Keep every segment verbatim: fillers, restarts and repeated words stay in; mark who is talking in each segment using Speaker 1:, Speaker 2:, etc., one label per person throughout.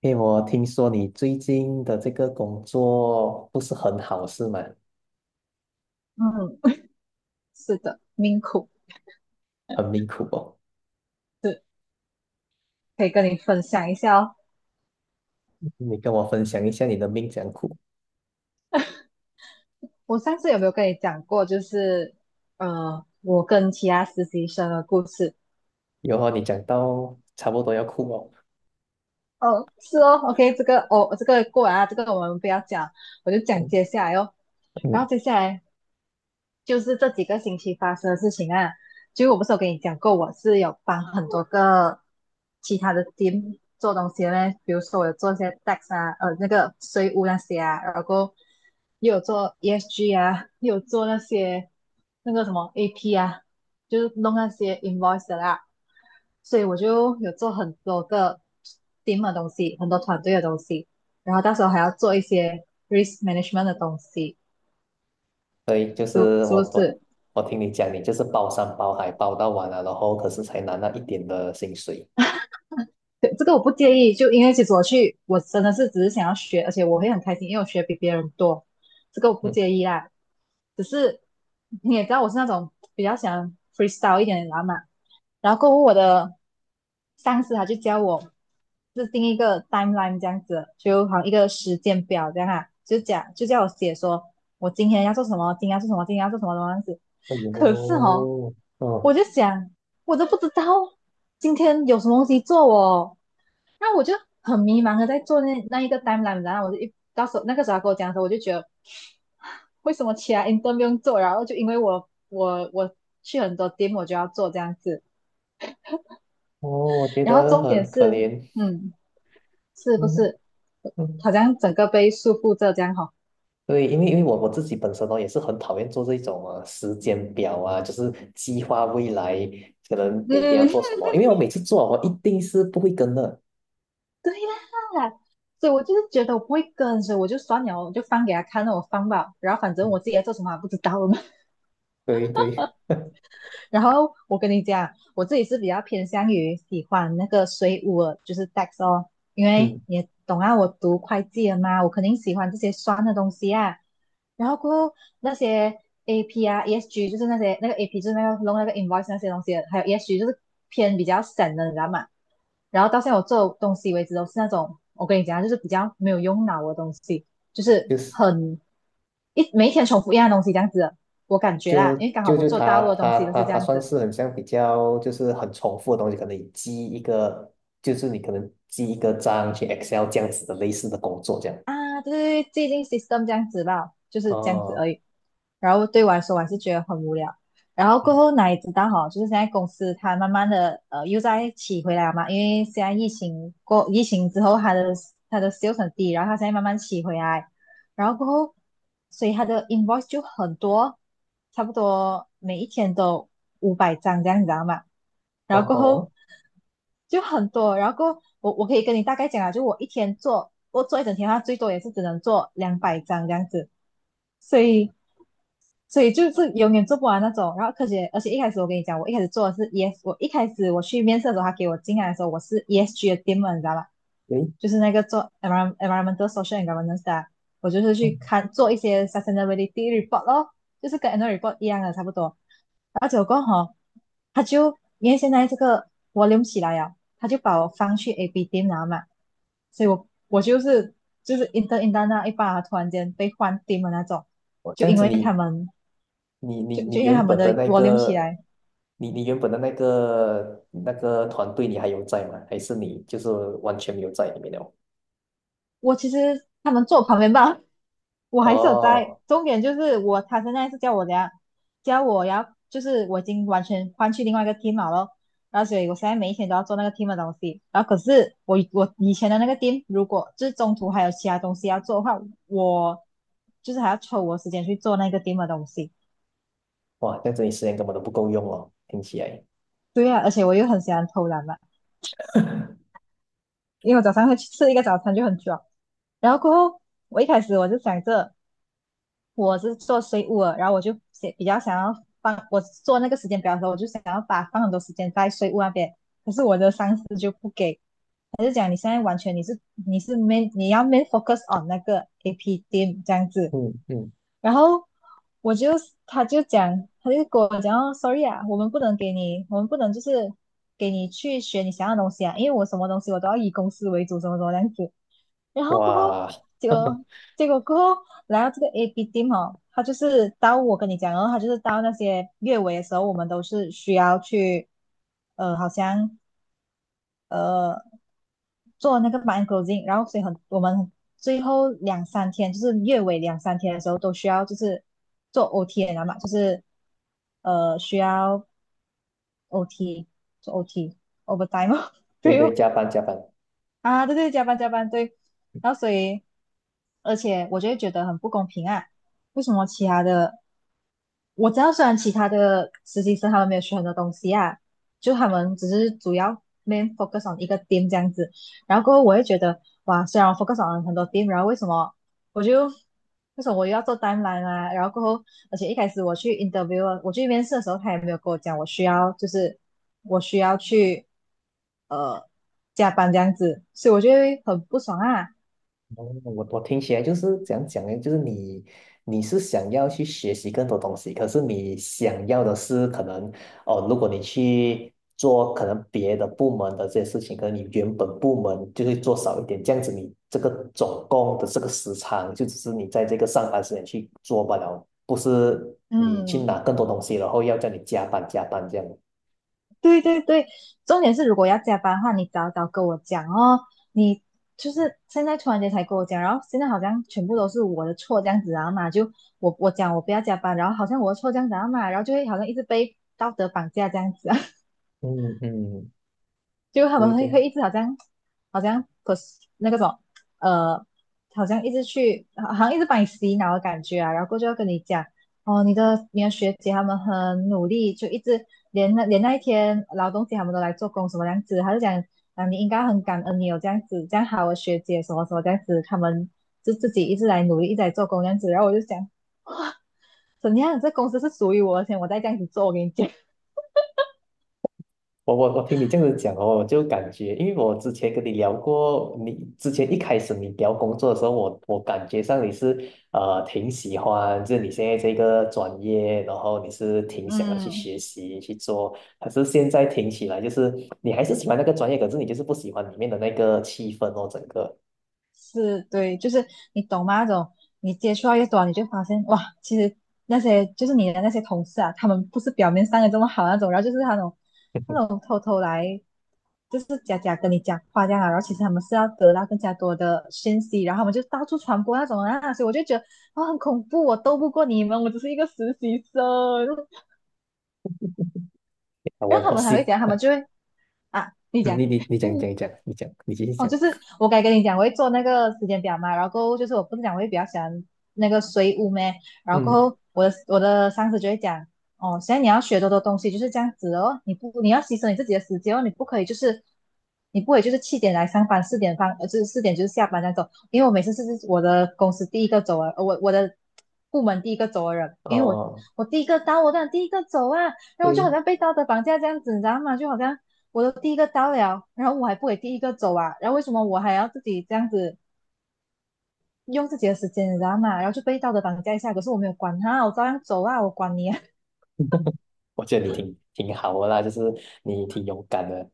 Speaker 1: 因为我听说你最近的这个工作不是很好，是吗？
Speaker 2: 嗯，是的，命苦。
Speaker 1: 很命苦哦。
Speaker 2: 是，可以跟你分享一下哦。
Speaker 1: 你跟我分享一下你的命怎样苦？
Speaker 2: 我上次有没有跟你讲过，就是呃，我跟其他实习生的故事？
Speaker 1: 有哦，你讲到差不多要哭哦。
Speaker 2: 哦，是哦，OK。这个哦，这个过完啊，这个我们不要讲，我就讲
Speaker 1: 嗯
Speaker 2: 接下来哦。然
Speaker 1: 嗯，
Speaker 2: 后接下来就是这几个星期发生的事情啊。就我不是有跟你讲过，我是有帮很多个其他的 team 做东西的嘞，比如说我有做一些 tax 啊，呃，那个税务那些啊，然后又有做 E S G 啊，又有做那些那个什么 A P 啊，就是弄那些 invoice 的啦。所以我就有做很多个 team 的东西，很多团队的东西，然后到时候还要做一些 risk management 的东西，
Speaker 1: 对，就
Speaker 2: 就
Speaker 1: 是
Speaker 2: 是
Speaker 1: 我
Speaker 2: 不
Speaker 1: 我
Speaker 2: 是？
Speaker 1: 我听你讲，你就是包山包海包到完了，然后可是才拿那一点的薪水。
Speaker 2: 对，这个我不介意，就因为其实我去，我真的是只是想要学，而且我会很开心，因为我学比别人多，这个我不
Speaker 1: 嗯，
Speaker 2: 介意啦。只是你也知道我是那种比较想 freestyle 一点的人嘛，然后过后我的上司他就教我制定一个 timeline 这样子，就好像一个时间表这样啊，就讲就叫我写说我今天要做什么，今天要做什么，今天要做什么这样子。
Speaker 1: 哎
Speaker 2: 可是哦，
Speaker 1: 呦，
Speaker 2: 我
Speaker 1: 哦
Speaker 2: 就想我都不知道今天有什么东西做哦。那我就很迷茫的在做那那一个 timeline，然后我就一到时候那个时候他跟我讲的时候，我就觉得为什么其他 i n t e r 不用做，然后就因为我我我去很多 team 我就要做这样子，
Speaker 1: 哦，我觉
Speaker 2: 然后
Speaker 1: 得
Speaker 2: 重点
Speaker 1: 很可
Speaker 2: 是，
Speaker 1: 怜。
Speaker 2: 嗯，是不
Speaker 1: 嗯
Speaker 2: 是
Speaker 1: 嗯
Speaker 2: 好像整个被束缚着这样哈、哦。
Speaker 1: 对，因为因为我我自己本身呢也是很讨厌做这种啊时间表啊，就是计划未来可能每天要
Speaker 2: 嗯，
Speaker 1: 做什 么，因为我每次做哦我一定是不会跟的。
Speaker 2: 对啦。所以我就是觉得我不会跟，所以我就算了，我就放给他看，那我放吧，然后反正
Speaker 1: 嗯，
Speaker 2: 我自己在做什么还不知道。
Speaker 1: 对对，
Speaker 2: 然后我跟你讲，我自己是比较偏向于喜欢那个水务的，就是 D A X 哦，因为
Speaker 1: 嗯，
Speaker 2: 你也懂啊，我读会计的嘛，我肯定喜欢这些酸的东西啊。然后过后那些 A P 啊、E S G，就是那些那个 AP 就是那个弄那个 invoice 那些东西的还有 E S G 就是偏比较省的，你知道吗？然后到现在我做东西为止都是那种，我跟你讲啊，就是比较没有用脑的东西，就是
Speaker 1: 就是
Speaker 2: 很一每一天重复一样的东西这样子的我感觉
Speaker 1: 就
Speaker 2: 啦，因为刚好
Speaker 1: 就
Speaker 2: 我
Speaker 1: 就
Speaker 2: 做
Speaker 1: 他
Speaker 2: 大陆的东
Speaker 1: 他
Speaker 2: 西都
Speaker 1: 他
Speaker 2: 是这
Speaker 1: 他
Speaker 2: 样
Speaker 1: 算
Speaker 2: 子
Speaker 1: 是很像比较就是很重复的东西，可能你记一个就是你可能记一个章去 Excel 这样子的类似的工作这样。
Speaker 2: 啊。对，是既定 system 这样子吧，就是这样子
Speaker 1: 哦，
Speaker 2: 而已。然后对我来说我还是觉得很无聊。然后过
Speaker 1: 嗯，
Speaker 2: 后哪里知道哈，就是现在公司它慢慢的呃又在起回来了嘛，因为现在疫情过疫情之后，它的它的 sales 很低，然后它现在慢慢起回来，然后过后所以它的 invoice 就很多，差不多每一天都五百张这样，你知道吗？
Speaker 1: 哦
Speaker 2: 然后过后
Speaker 1: 吼，
Speaker 2: 就很多，然后过后我我可以跟你大概讲啊，就我一天做我做一整天，它最多也是只能做两百张这样子。所以所以就是永远做不完那种。然后科学，而且一开始我跟你讲，我一开始做的是 E S，我一开始我去面试的时候，他给我进来的时候，我是 E S G 的 team，你知道吧？
Speaker 1: 诶，
Speaker 2: 就是那个做 environ- r o n m e n t a l social and governance 的啊，我就是去
Speaker 1: 嗯，
Speaker 2: 看做一些 sustainability report 咯，就是跟 annual report 一样的差不多。然后结果哈他就因为现在这个 volume 起来呀，他就把我放去 A B t e 了嘛，所以我我就是就是 i n t e inter 那一把突然间被换 t e 的那种，
Speaker 1: 哦
Speaker 2: 就
Speaker 1: 这样
Speaker 2: 因
Speaker 1: 子
Speaker 2: 为他
Speaker 1: 你
Speaker 2: 们
Speaker 1: 你你
Speaker 2: 就就
Speaker 1: 你
Speaker 2: 因为他
Speaker 1: 原
Speaker 2: 们
Speaker 1: 本的
Speaker 2: 的
Speaker 1: 那
Speaker 2: volume 起
Speaker 1: 个，
Speaker 2: 来，
Speaker 1: 你你原本的那个那个团队，你还有在吗？还是你就是完全没有在里面了？
Speaker 2: 我其实他们坐我旁边吧，我还是有在。
Speaker 1: 哦，
Speaker 2: 重点就是我，他现在是叫我怎样，叫我要，就是我已经完全换去另外一个 team 了咯。然后所以我现在每一天都要做那个 team 的东西。然后可是我我以前的那个 team，如果就是中途还有其他东西要做的话，我就是还要抽我时间去做那个 team 的东西。
Speaker 1: 哇，这样子你时间根本都不够用哦，听起来。
Speaker 2: 对啊，而且我又很喜欢偷懒嘛，因为我早上会去吃一个早餐就很爽。然后过后，我一开始我就想着。我是做税务的，然后我就写比较想要放我做那个时间表的时候，我就想要把放很多时间在税务那边，可是我的上司就不给，他就讲你现在完全你是你是没你要没 focus on 那个 A P team 这样子，
Speaker 1: 嗯嗯，
Speaker 2: 然后我就他就讲他就跟我讲哦，sorry 啊，我们不能给你，我们不能就是给你去学你想要的东西啊，因为我什么东西我都要以公司为主，什么什么这样子，然后过后，
Speaker 1: 哇，
Speaker 2: 结 果结果过后来到这个 A B team 哦，他就是到我跟你讲哦，然后他就是到那些月尾的时候，我们都是需要去，呃，好像呃做那个 mind closing，然后所以很我们最后两三天，就是月尾两三天的时候都需要就是做 O T 的嘛，就是呃需要 O T 做 O T overtime 哦，
Speaker 1: 对
Speaker 2: 对
Speaker 1: 对，
Speaker 2: 哦，
Speaker 1: 加班加班。
Speaker 2: 啊，对对，加班加班，对。然后所以，而且我就会觉得很不公平啊，为什么其他的我知道，虽然其他的实习生他们没有学很多东西啊，就他们只是主要 main focus on 一个 team 这样子。然后过后我会觉得，哇，虽然我 focus on 很多 team，然后为什么我就为什么我又要做单栏啊？然后过后，而且一开始我去 interview，啊我去面试的时候，他也没有跟我讲我需要就是我需要去呃加班这样子，所以我就会很不爽啊。
Speaker 1: 哦我我听起来就是怎样讲呢？就是你你是想要去学习更多东西，可是你想要的是可能哦，如果你去做可能别的部门的这些事情，可能你原本部门就会做少一点，这样子你这个总共的这个时长就只是你在这个上班时间去做罢了，不是你去拿
Speaker 2: 嗯，
Speaker 1: 更多东西，然后要叫你加班加班这样。
Speaker 2: 对对对。重点是如果要加班的话，你早早跟我讲哦。你就是现在突然间才跟我讲，然后现在好像全部都是我的错这样子然后嘛，就我我讲我不要加班，然后好像我的错这样子啊嘛，然后就会好像一直被道德绑架这样子啊。
Speaker 1: 嗯嗯，
Speaker 2: 就他
Speaker 1: 对
Speaker 2: 们会
Speaker 1: 对。
Speaker 2: 会一直好像好像不是那个什么呃，好像一直去好像一直把你洗脑的感觉啊，然后过后就要跟你讲哦，你的你的学姐他们很努力，就一直连那连那一天劳动节他们都来做工什么样子，他就讲啊你应该很感恩你有这样子这样好的学姐什么什么这样子，他们就自己一直来努力一直来做工这样子，然后我就想怎样这公司是属于我的钱，而且我再这样子做，我跟你讲。
Speaker 1: 我我我听你这样子讲哦，我就感觉，因为我之前跟你聊过，你之前一开始你聊工作的时候，我我感觉上你是呃挺喜欢，就是你现在这个专业，然后你是 挺想要去
Speaker 2: 嗯，
Speaker 1: 学习去做，可是现在听起来就是你还是喜欢那个专业，可是你就是不喜欢里面的那个气氛哦，整个。
Speaker 2: 是对，就是你懂吗？那种你接触到越多，你就发现哇，其实那些就是你的那些同事啊，他们不是表面上的这么好那种，然后就是那种那 种偷偷来，就是假假跟你讲话这样啊，然后其实他们是要得到更加多的信息，然后他们就到处传播那种啊，所以我就觉得啊、很恐怖，我斗不过你们，我只是一个实习生。
Speaker 1: 我
Speaker 2: 然后他
Speaker 1: 我
Speaker 2: 们还
Speaker 1: 是，
Speaker 2: 会讲，他
Speaker 1: 嗯
Speaker 2: 们就会啊，你讲，
Speaker 1: 你你你讲你 讲你讲，你讲你继续
Speaker 2: 哦，
Speaker 1: 讲。
Speaker 2: 就是我该跟你讲，我会做那个时间表嘛，然后过后就是我不是讲我会比较喜欢那个水舞咩，然后过
Speaker 1: 嗯，
Speaker 2: 后我的我的上司就会讲，哦，现在你要学多多东西就是这样子哦，你不你要牺牲你自己的时间哦，你不可以就是你不可以就是七点来上班，四点放呃就是四点就是下班那走，因为我每次是是我的公司第一个走啊，呃我我的部门第一个走的人，因为我
Speaker 1: 哦，
Speaker 2: 我第一个到哦，我当然第一个走啊，然后我就好
Speaker 1: 对，
Speaker 2: 像被道德绑架这样子，你知道吗？就好像我都第一个到了，然后我还不给第一个走啊，然后为什么我还要自己这样子用自己的时间，你知道吗？然后就被道德绑架一下，可是我没有管他，我照样走啊，我管你啊，
Speaker 1: 我觉得你挺挺好的啦，就是你挺勇敢的。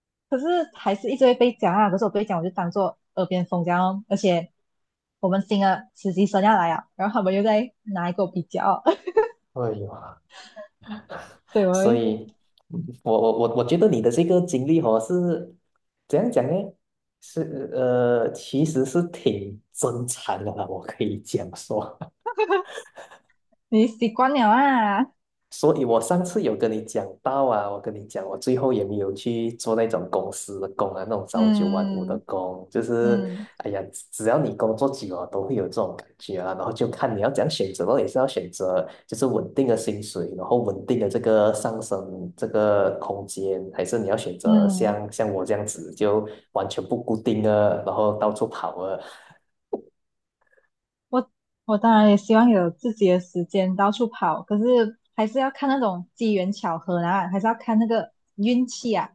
Speaker 2: 可是还是一直会被讲啊，可是我被讲我就当做耳边风这样哦而且我们新的实习生要来啊，然后他们又在拿一个比较，
Speaker 1: 哎呦。
Speaker 2: 所以我
Speaker 1: 所
Speaker 2: 会
Speaker 1: 以，嗯我我我我觉得你的这个经历哦是怎样讲呢？是呃，其实是挺真诚的啦，我可以讲说。
Speaker 2: 你习惯了啊，
Speaker 1: 所以我上次有跟你讲到啊，我跟你讲，我最后也没有去做那种公司的工啊，那种朝九晚五的
Speaker 2: 嗯
Speaker 1: 工，就是
Speaker 2: 嗯
Speaker 1: 哎呀，只只要你工作久了，都会有这种感觉啊。然后就看你要怎样选择咯，也是要选择就是稳定的薪水，然后稳定的这个上升这个空间，还是你要选择
Speaker 2: 嗯，
Speaker 1: 像像我这样子就完全不固定啊，然后到处跑啊。
Speaker 2: 我我当然也希望有自己的时间到处跑，可是还是要看那种机缘巧合啊，还是要看那个运气啊。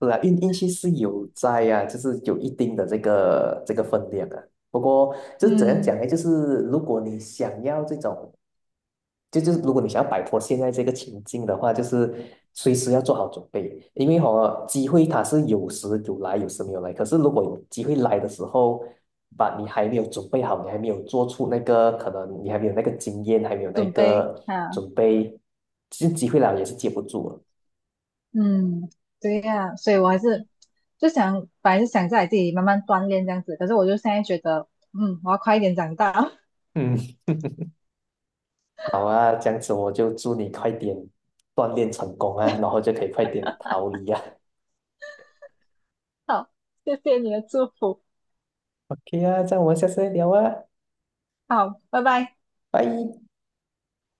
Speaker 1: 是啊，运运气是有在啊，就是有一定的这个这个分量啊。不过就是怎样讲
Speaker 2: 嗯，
Speaker 1: 呢？就是如果你想要这种，就就是如果你想要摆脱现在这个情境的话，就是随时要做好准备，因为哦，机会它是有时有来，有时没有来。可是如果有机会来的时候，把你还没有准备好，你还没有做出那个可能，你还没有那个经验，还没有那
Speaker 2: 准备
Speaker 1: 个
Speaker 2: 啊，
Speaker 1: 准备，其实机会来了也是接不住了。
Speaker 2: 嗯，对呀、所以我还是就想，本来是想在自己慢慢锻炼这样子，可是我就现在觉得，嗯，我要快一点长大。
Speaker 1: 嗯好啊，这样子我就祝你快点锻炼成功啊，然后就可以快点逃离啊。
Speaker 2: 好，谢谢你的祝福，
Speaker 1: OK 啊，这样我们下次再聊啊，
Speaker 2: 好，拜拜。
Speaker 1: 拜。